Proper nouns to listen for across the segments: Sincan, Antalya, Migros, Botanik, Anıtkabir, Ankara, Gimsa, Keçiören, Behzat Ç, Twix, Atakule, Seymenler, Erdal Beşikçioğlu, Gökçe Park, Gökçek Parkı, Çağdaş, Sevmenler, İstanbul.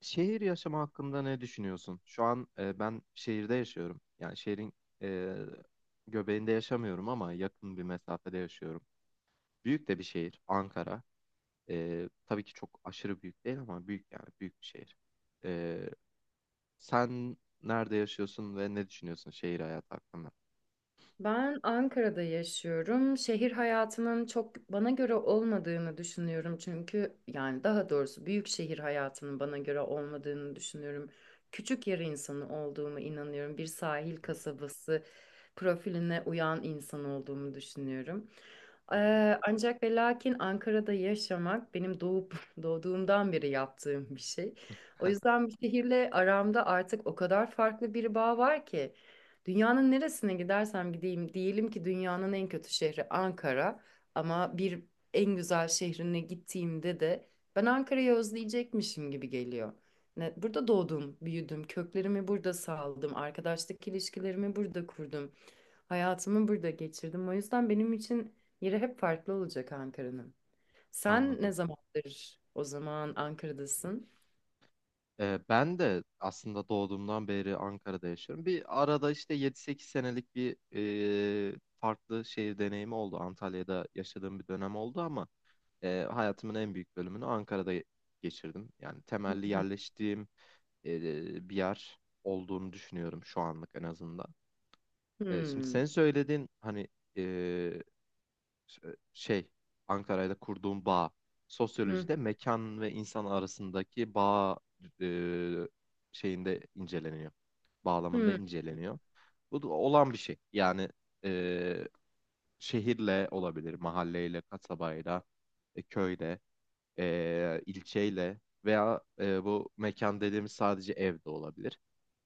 Şehir yaşamı hakkında ne düşünüyorsun? Şu an ben şehirde yaşıyorum. Yani şehrin e, göbeğinde yaşamıyorum ama yakın bir mesafede yaşıyorum. Büyük de bir şehir, Ankara. Tabii ki çok aşırı büyük değil ama büyük, yani büyük bir şehir. E, Sen nerede yaşıyorsun ve ne düşünüyorsun şehir hayatı hakkında? Ben Ankara'da yaşıyorum. Şehir hayatının çok bana göre olmadığını düşünüyorum. Çünkü yani daha doğrusu büyük şehir hayatının bana göre olmadığını düşünüyorum. Küçük yer insanı olduğumu inanıyorum. Bir sahil kasabası profiline uyan insan olduğumu düşünüyorum. Hı hı. Ancak ve lakin Ankara'da yaşamak benim doğduğumdan beri yaptığım bir şey. O yüzden bu şehirle aramda artık o kadar farklı bir bağ var ki. Dünyanın neresine gidersem gideyim, diyelim ki dünyanın en kötü şehri Ankara ama bir en güzel şehrine gittiğimde de ben Ankara'yı özleyecekmişim gibi geliyor. Ne, burada doğdum, büyüdüm, köklerimi burada saldım, arkadaşlık ilişkilerimi burada kurdum, hayatımı burada geçirdim. O yüzden benim için yeri hep farklı olacak Ankara'nın. Sen ne Anladım. zamandır o zaman Ankara'dasın? Ben de aslında doğduğumdan beri Ankara'da yaşıyorum. Bir arada işte 7-8 senelik bir farklı şehir deneyimi oldu. Antalya'da yaşadığım bir dönem oldu ama hayatımın en büyük bölümünü Ankara'da geçirdim. Yani Hı temelli hı. yerleştiğim bir yer olduğunu düşünüyorum şu anlık en azından. Şimdi Hmm. sen söylediğin hani, e, şey, Ankara'yla kurduğum bağ. Hı Sosyolojide mekan ve insan arasındaki bağ e, şeyinde inceleniyor. Bağlamında hı. inceleniyor. Bu da olan bir şey. Yani e, şehirle olabilir, mahalleyle, kasabayla, köyle, ilçeyle veya bu mekan dediğimiz sadece evde olabilir.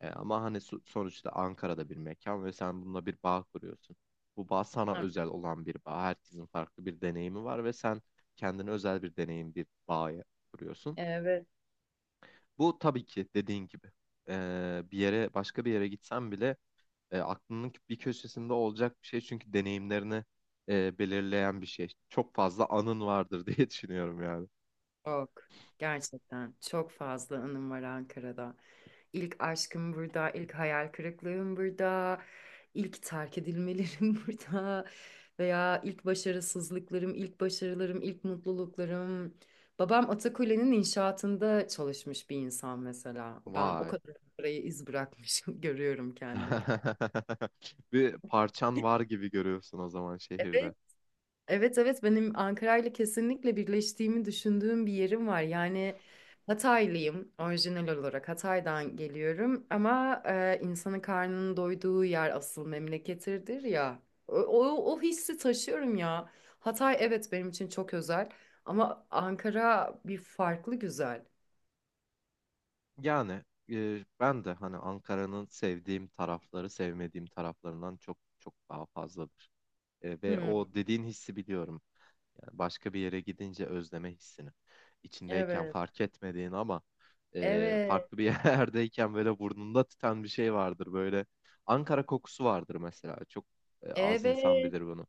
Ama hani sonuçta Ankara'da bir mekan ve sen bununla bir bağ kuruyorsun. Bu bağ sana özel olan bir bağ. Herkesin farklı bir deneyimi var ve sen kendine özel bir deneyim, bir bağ kuruyorsun. Evet. Bu tabii ki dediğin gibi bir yere, başka bir yere gitsen bile aklının bir köşesinde olacak bir şey, çünkü deneyimlerini belirleyen bir şey. Çok fazla anın vardır diye düşünüyorum yani. Çok. Gerçekten çok fazla anım var Ankara'da. İlk aşkım burada, ilk hayal kırıklığım burada, ilk terk edilmelerim burada veya ilk başarısızlıklarım, ilk başarılarım, ilk mutluluklarım. Babam Atakule'nin inşaatında çalışmış bir insan mesela. Ben o Vay. kadar parayı iz bırakmışım, görüyorum kendimi. Bir parçan var gibi görüyorsun o zaman şehirde. Evet, Evet evet benim Ankara ile kesinlikle birleştiğimi düşündüğüm bir yerim var. Yani Hataylıyım orijinal olarak Hatay'dan geliyorum ama insanın karnının doyduğu yer asıl memleketidir ya. O hissi taşıyorum ya. Hatay evet benim için çok özel ama Ankara bir farklı güzel. Yani ben de hani Ankara'nın sevdiğim tarafları sevmediğim taraflarından çok çok daha fazladır. Ve Hmm, o dediğin hissi biliyorum. Yani başka bir yere gidince özleme hissini. İçindeyken evet. fark etmediğin ama Evet. farklı bir yerdeyken böyle burnunda tüten bir şey vardır. Böyle Ankara kokusu vardır mesela. Çok az insan Evet. bilir bunu.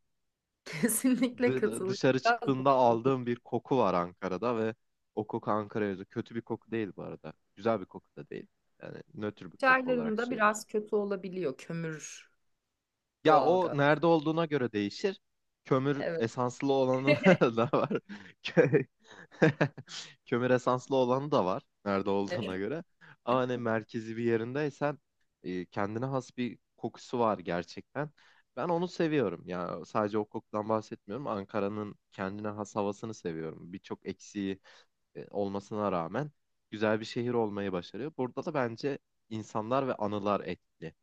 Kesinlikle katılıyorum. Dışarı Biraz çıktığında aldığım bir koku var Ankara'da ve o koku Ankara'ya özgü. Kötü bir koku değil bu arada. Güzel bir koku da değil. Yani nötr bir koku olarak çaylarında söyleyeyim. biraz kötü olabiliyor kömür Ya o doğalgaz. nerede olduğuna göre değişir. Kömür Evet. esanslı olanı da var. Kö- Kömür esanslı olanı da var. Nerede olduğuna göre. Ama hani merkezi bir yerindeysen kendine has bir kokusu var gerçekten. Ben onu seviyorum. Ya sadece o kokudan bahsetmiyorum. Ankara'nın kendine has havasını seviyorum. Birçok eksiği olmasına rağmen güzel bir şehir olmayı başarıyor. Burada da bence insanlar ve anılar etkili.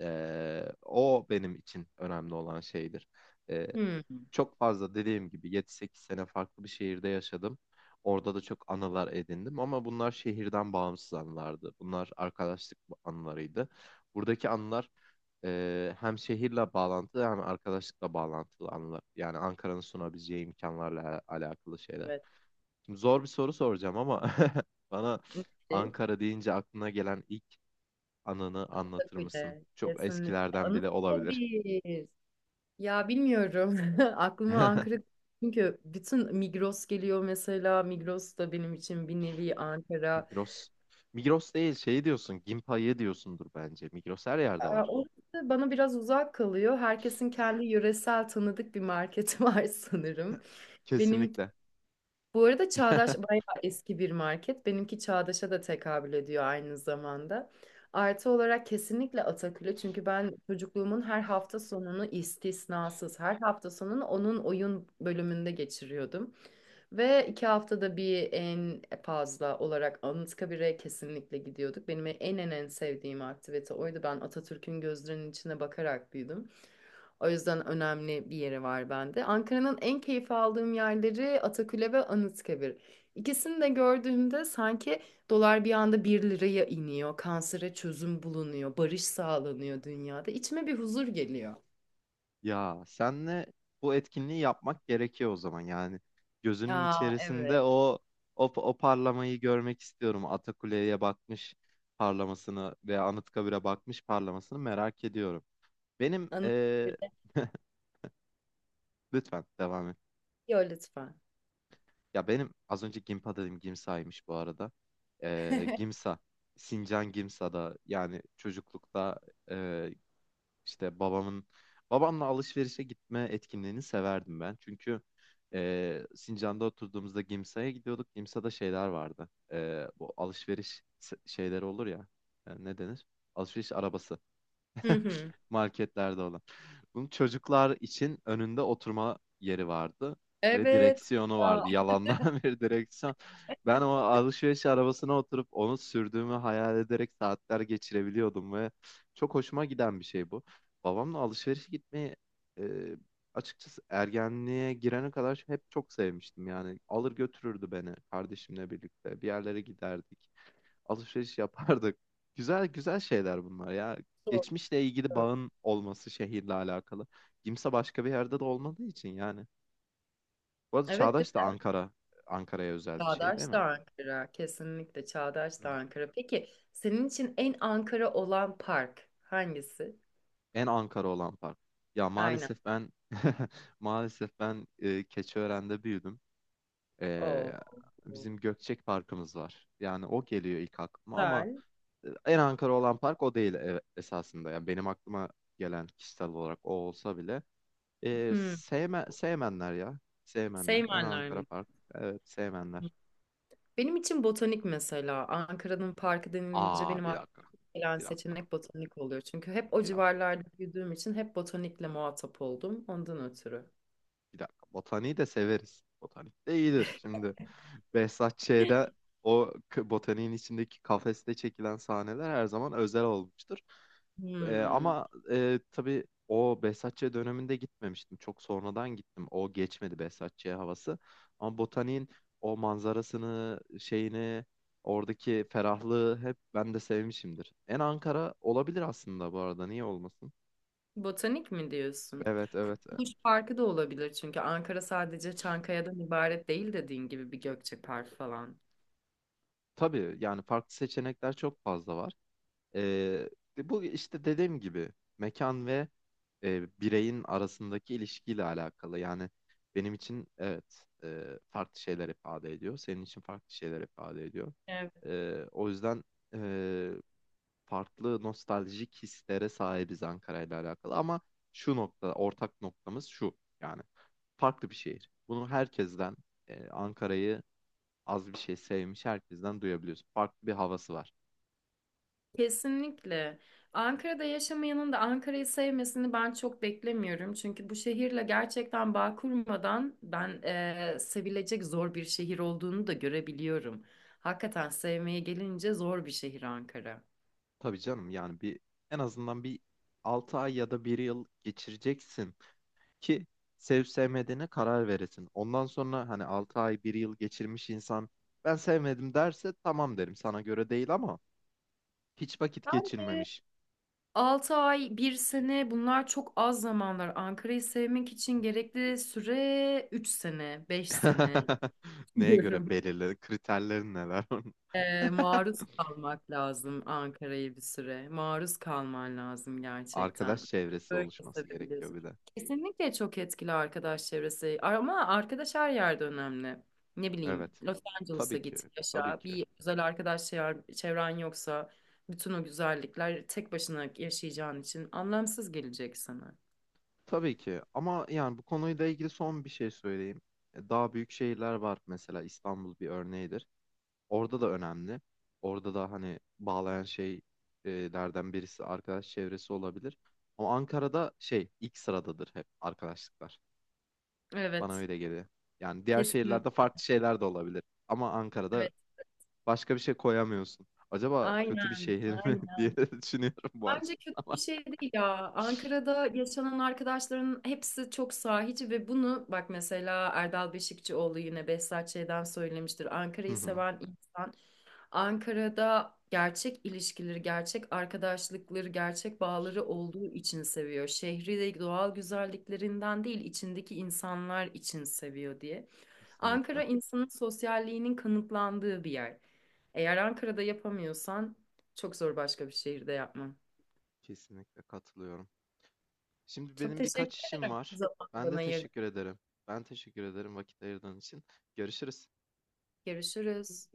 O benim için önemli olan şeydir. Ee, Hmm, Çok fazla dediğim gibi 7-8 sene farklı bir şehirde yaşadım. Orada da çok anılar edindim ama bunlar şehirden bağımsız anılardı. Bunlar arkadaşlık anılarıydı. Buradaki anılar hem şehirle bağlantılı hem arkadaşlıkla bağlantılı anılar. Yani Ankara'nın sunabileceği imkanlarla alakalı şeyler. evet. Şimdi zor bir soru soracağım ama bana Müthiş. Ankara deyince aklına gelen ilk anını Çok anlatır mısın? öyle. Çok Kesinlikle. eskilerden bile Anıtla olabilir. bir. Ya bilmiyorum. Aklıma Ankara çünkü bütün Migros geliyor mesela. Migros da benim için bir nevi Ankara. Migros. Migros değil, şey diyorsun. Gimpa'yı diyorsundur bence. Migros her yerde var. Orası bana biraz uzak kalıyor. Herkesin kendi yöresel tanıdık bir marketi var sanırım. Benim Kesinlikle. Bu arada Çağdaş bayağı eski bir market. Benimki Çağdaş'a da tekabül ediyor aynı zamanda. Artı olarak kesinlikle Atakül'ü çünkü ben çocukluğumun her hafta sonunu istisnasız her hafta sonunu onun oyun bölümünde geçiriyordum. Ve 2 haftada bir en fazla olarak Anıtkabir'e kesinlikle gidiyorduk. Benim en sevdiğim aktivite oydu. Ben Atatürk'ün gözlerinin içine bakarak büyüdüm. O yüzden önemli bir yeri var bende. Ankara'nın en keyif aldığım yerleri Atakule ve Anıtkabir. İkisini de gördüğümde sanki dolar bir anda bir liraya iniyor, kansere çözüm bulunuyor, barış sağlanıyor dünyada. İçime bir huzur geliyor. Ya senle bu etkinliği yapmak gerekiyor o zaman. Yani gözünün Aa içerisinde evet. o parlamayı görmek istiyorum. Atakule'ye bakmış parlamasını veya Anıtkabir'e bakmış parlamasını merak ediyorum. Benim Anıtkabir'de. lütfen devam et. Yo lütfen. Ya benim az önce Gimpa dedim, Gimsa'ymış bu arada. Gimsa. Sincan Gimsa'da yani çocuklukta eee, işte babamla alışverişe gitme etkinliğini severdim ben. Çünkü Sincan'da oturduğumuzda Gimsa'ya gidiyorduk. Gimsa'da şeyler vardı. Bu alışveriş şeyleri olur ya. Ne denir? Alışveriş arabası. Hı hı. Marketlerde olan. Bunun çocuklar için önünde oturma yeri vardı ve Evet. direksiyonu Aa, vardı. Yalandan bir direksiyon. Ben o alışveriş arabasına oturup onu sürdüğümü hayal ederek saatler geçirebiliyordum ve çok hoşuma giden bir şey bu. Babamla alışverişe gitmeyi e, açıkçası ergenliğe girene kadar hep çok sevmiştim yani. Alır götürürdü beni, kardeşimle birlikte bir yerlere giderdik, alışveriş yapardık. Güzel güzel şeyler bunlar ya. doğru. Geçmişle ilgili bağın olması şehirle alakalı. Kimse başka bir yerde de olmadığı için yani. Bu arada Evet değil Çağdaş da mi? Ankara, Ankara'ya özel bir şey değil Çağdaş mi? da Ankara. Kesinlikle Çağdaş da Hı. Ankara. Peki senin için en Ankara olan park hangisi? En Ankara olan park. Ya Aynen. maalesef ben maalesef ben Keçiören'de büyüdüm. E, Oo, Bizim Gökçek Parkımız var. Yani o geliyor ilk aklıma ama güzel. En Ankara olan park o değil esasında. Yani benim aklıma gelen kişisel olarak o olsa bile Hmm. Sevmenler ya. Sevmenler. En Seymenler Ankara mi? park. Evet, sevmenler. Benim için botanik mesela. Ankara'nın parkı denilince Aa, benim bir aklıma dakika. gelen Bir dakika. seçenek botanik oluyor. Çünkü hep o Bir dakika. civarlarda büyüdüğüm için hep botanikle muhatap oldum. Ondan ötürü. Bir dakika. Botaniği de severiz. Botanik de iyidir. Şimdi Behzat Ç'de o botaniğin içindeki kafeste çekilen sahneler her zaman özel olmuştur. Hmm. Ama tabii o Behzat Ç döneminde gitmemiştim. Çok sonradan gittim. O geçmedi Behzat Ç havası. Ama botaniğin o manzarasını, şeyini, oradaki ferahlığı hep ben de sevmişimdir. En Ankara olabilir aslında bu arada. Niye olmasın? Botanik mi diyorsun? Evet, evet. Kurtuluş Parkı da olabilir çünkü Ankara sadece Çankaya'dan ibaret değil dediğin gibi bir Gökçe Park falan. Tabii yani farklı seçenekler çok fazla var. Ee, Bu işte dediğim gibi mekan ve bireyin arasındaki ilişkiyle alakalı. Yani benim için evet, farklı şeyler ifade ediyor. Senin için farklı şeyler ifade ediyor. O yüzden e, farklı nostaljik hislere sahibiz Ankara ile alakalı. Ama şu nokta, ortak noktamız şu. Yani farklı bir şehir. Bunu herkesten, Ankara'yı az bir şey sevmiş herkesten duyabiliyorsun. Farklı bir havası var. Kesinlikle. Ankara'da yaşamayanın da Ankara'yı sevmesini ben çok beklemiyorum. Çünkü bu şehirle gerçekten bağ kurmadan ben sevilecek zor bir şehir olduğunu da görebiliyorum. Hakikaten sevmeye gelince zor bir şehir Ankara. Tabii canım, yani en azından bir 6 ay ya da bir yıl geçireceksin ki sevip sevmediğine karar veresin. Ondan sonra hani 6 ay bir yıl geçirmiş insan ben sevmedim derse tamam derim, sana göre değil, ama hiç vakit Evet. geçirmemiş. 6 ay, bir sene bunlar çok az zamanlar. Ankara'yı sevmek için gerekli süre 3 sene, 5 sene Neye göre, diyorum. belirli kriterlerin neler onun? Ee, maruz kalmak lazım Ankara'yı bir süre. Maruz kalman lazım gerçekten. Arkadaş çevresi Böyle oluşması gerekiyor sevebiliyorsun. bir de. Kesinlikle çok etkili arkadaş çevresi. Ama arkadaş her yerde önemli. Ne bileyim, Evet. Los Tabii Angeles'a ki. git, Tabii yaşa. ki. Bir güzel arkadaş çevren yoksa bütün o güzellikler tek başına yaşayacağın için anlamsız gelecek sana. Tabii ki. Ama yani bu konuyla ilgili son bir şey söyleyeyim. Daha büyük şehirler var, mesela İstanbul bir örneğidir. Orada da önemli. Orada da hani bağlayan şeylerden birisi arkadaş çevresi olabilir. Ama Ankara'da şey ilk sıradadır hep, arkadaşlıklar. Bana Evet, öyle geliyor. Yani diğer kesin. şehirlerde farklı şeyler de olabilir. Ama Ankara'da Evet, başka bir şey koyamıyorsun. Acaba kötü bir aynen, şehir mi aynen. diye düşünüyorum bu Bence açıdan kötü bir ama. şey değil ya. Ankara'da yaşanan arkadaşların hepsi çok sahici ve bunu bak mesela Erdal Beşikçioğlu yine Behzat Ç'den söylemiştir. Hı Ankara'yı hı. seven insan Ankara'da gerçek ilişkileri, gerçek arkadaşlıkları, gerçek bağları olduğu için seviyor. Şehri de doğal güzelliklerinden değil, içindeki insanlar için seviyor diye. Ankara Kesinlikle. insanın sosyalliğinin kanıtlandığı bir yer. Eğer Ankara'da yapamıyorsan çok zor başka bir şehirde yapman. Kesinlikle katılıyorum. Şimdi Çok benim birkaç teşekkür işim ederim var. zamanı Ben bana de ayırdığınız. teşekkür ederim. Ben teşekkür ederim vakit ayırdığın için. Görüşürüz. Görüşürüz.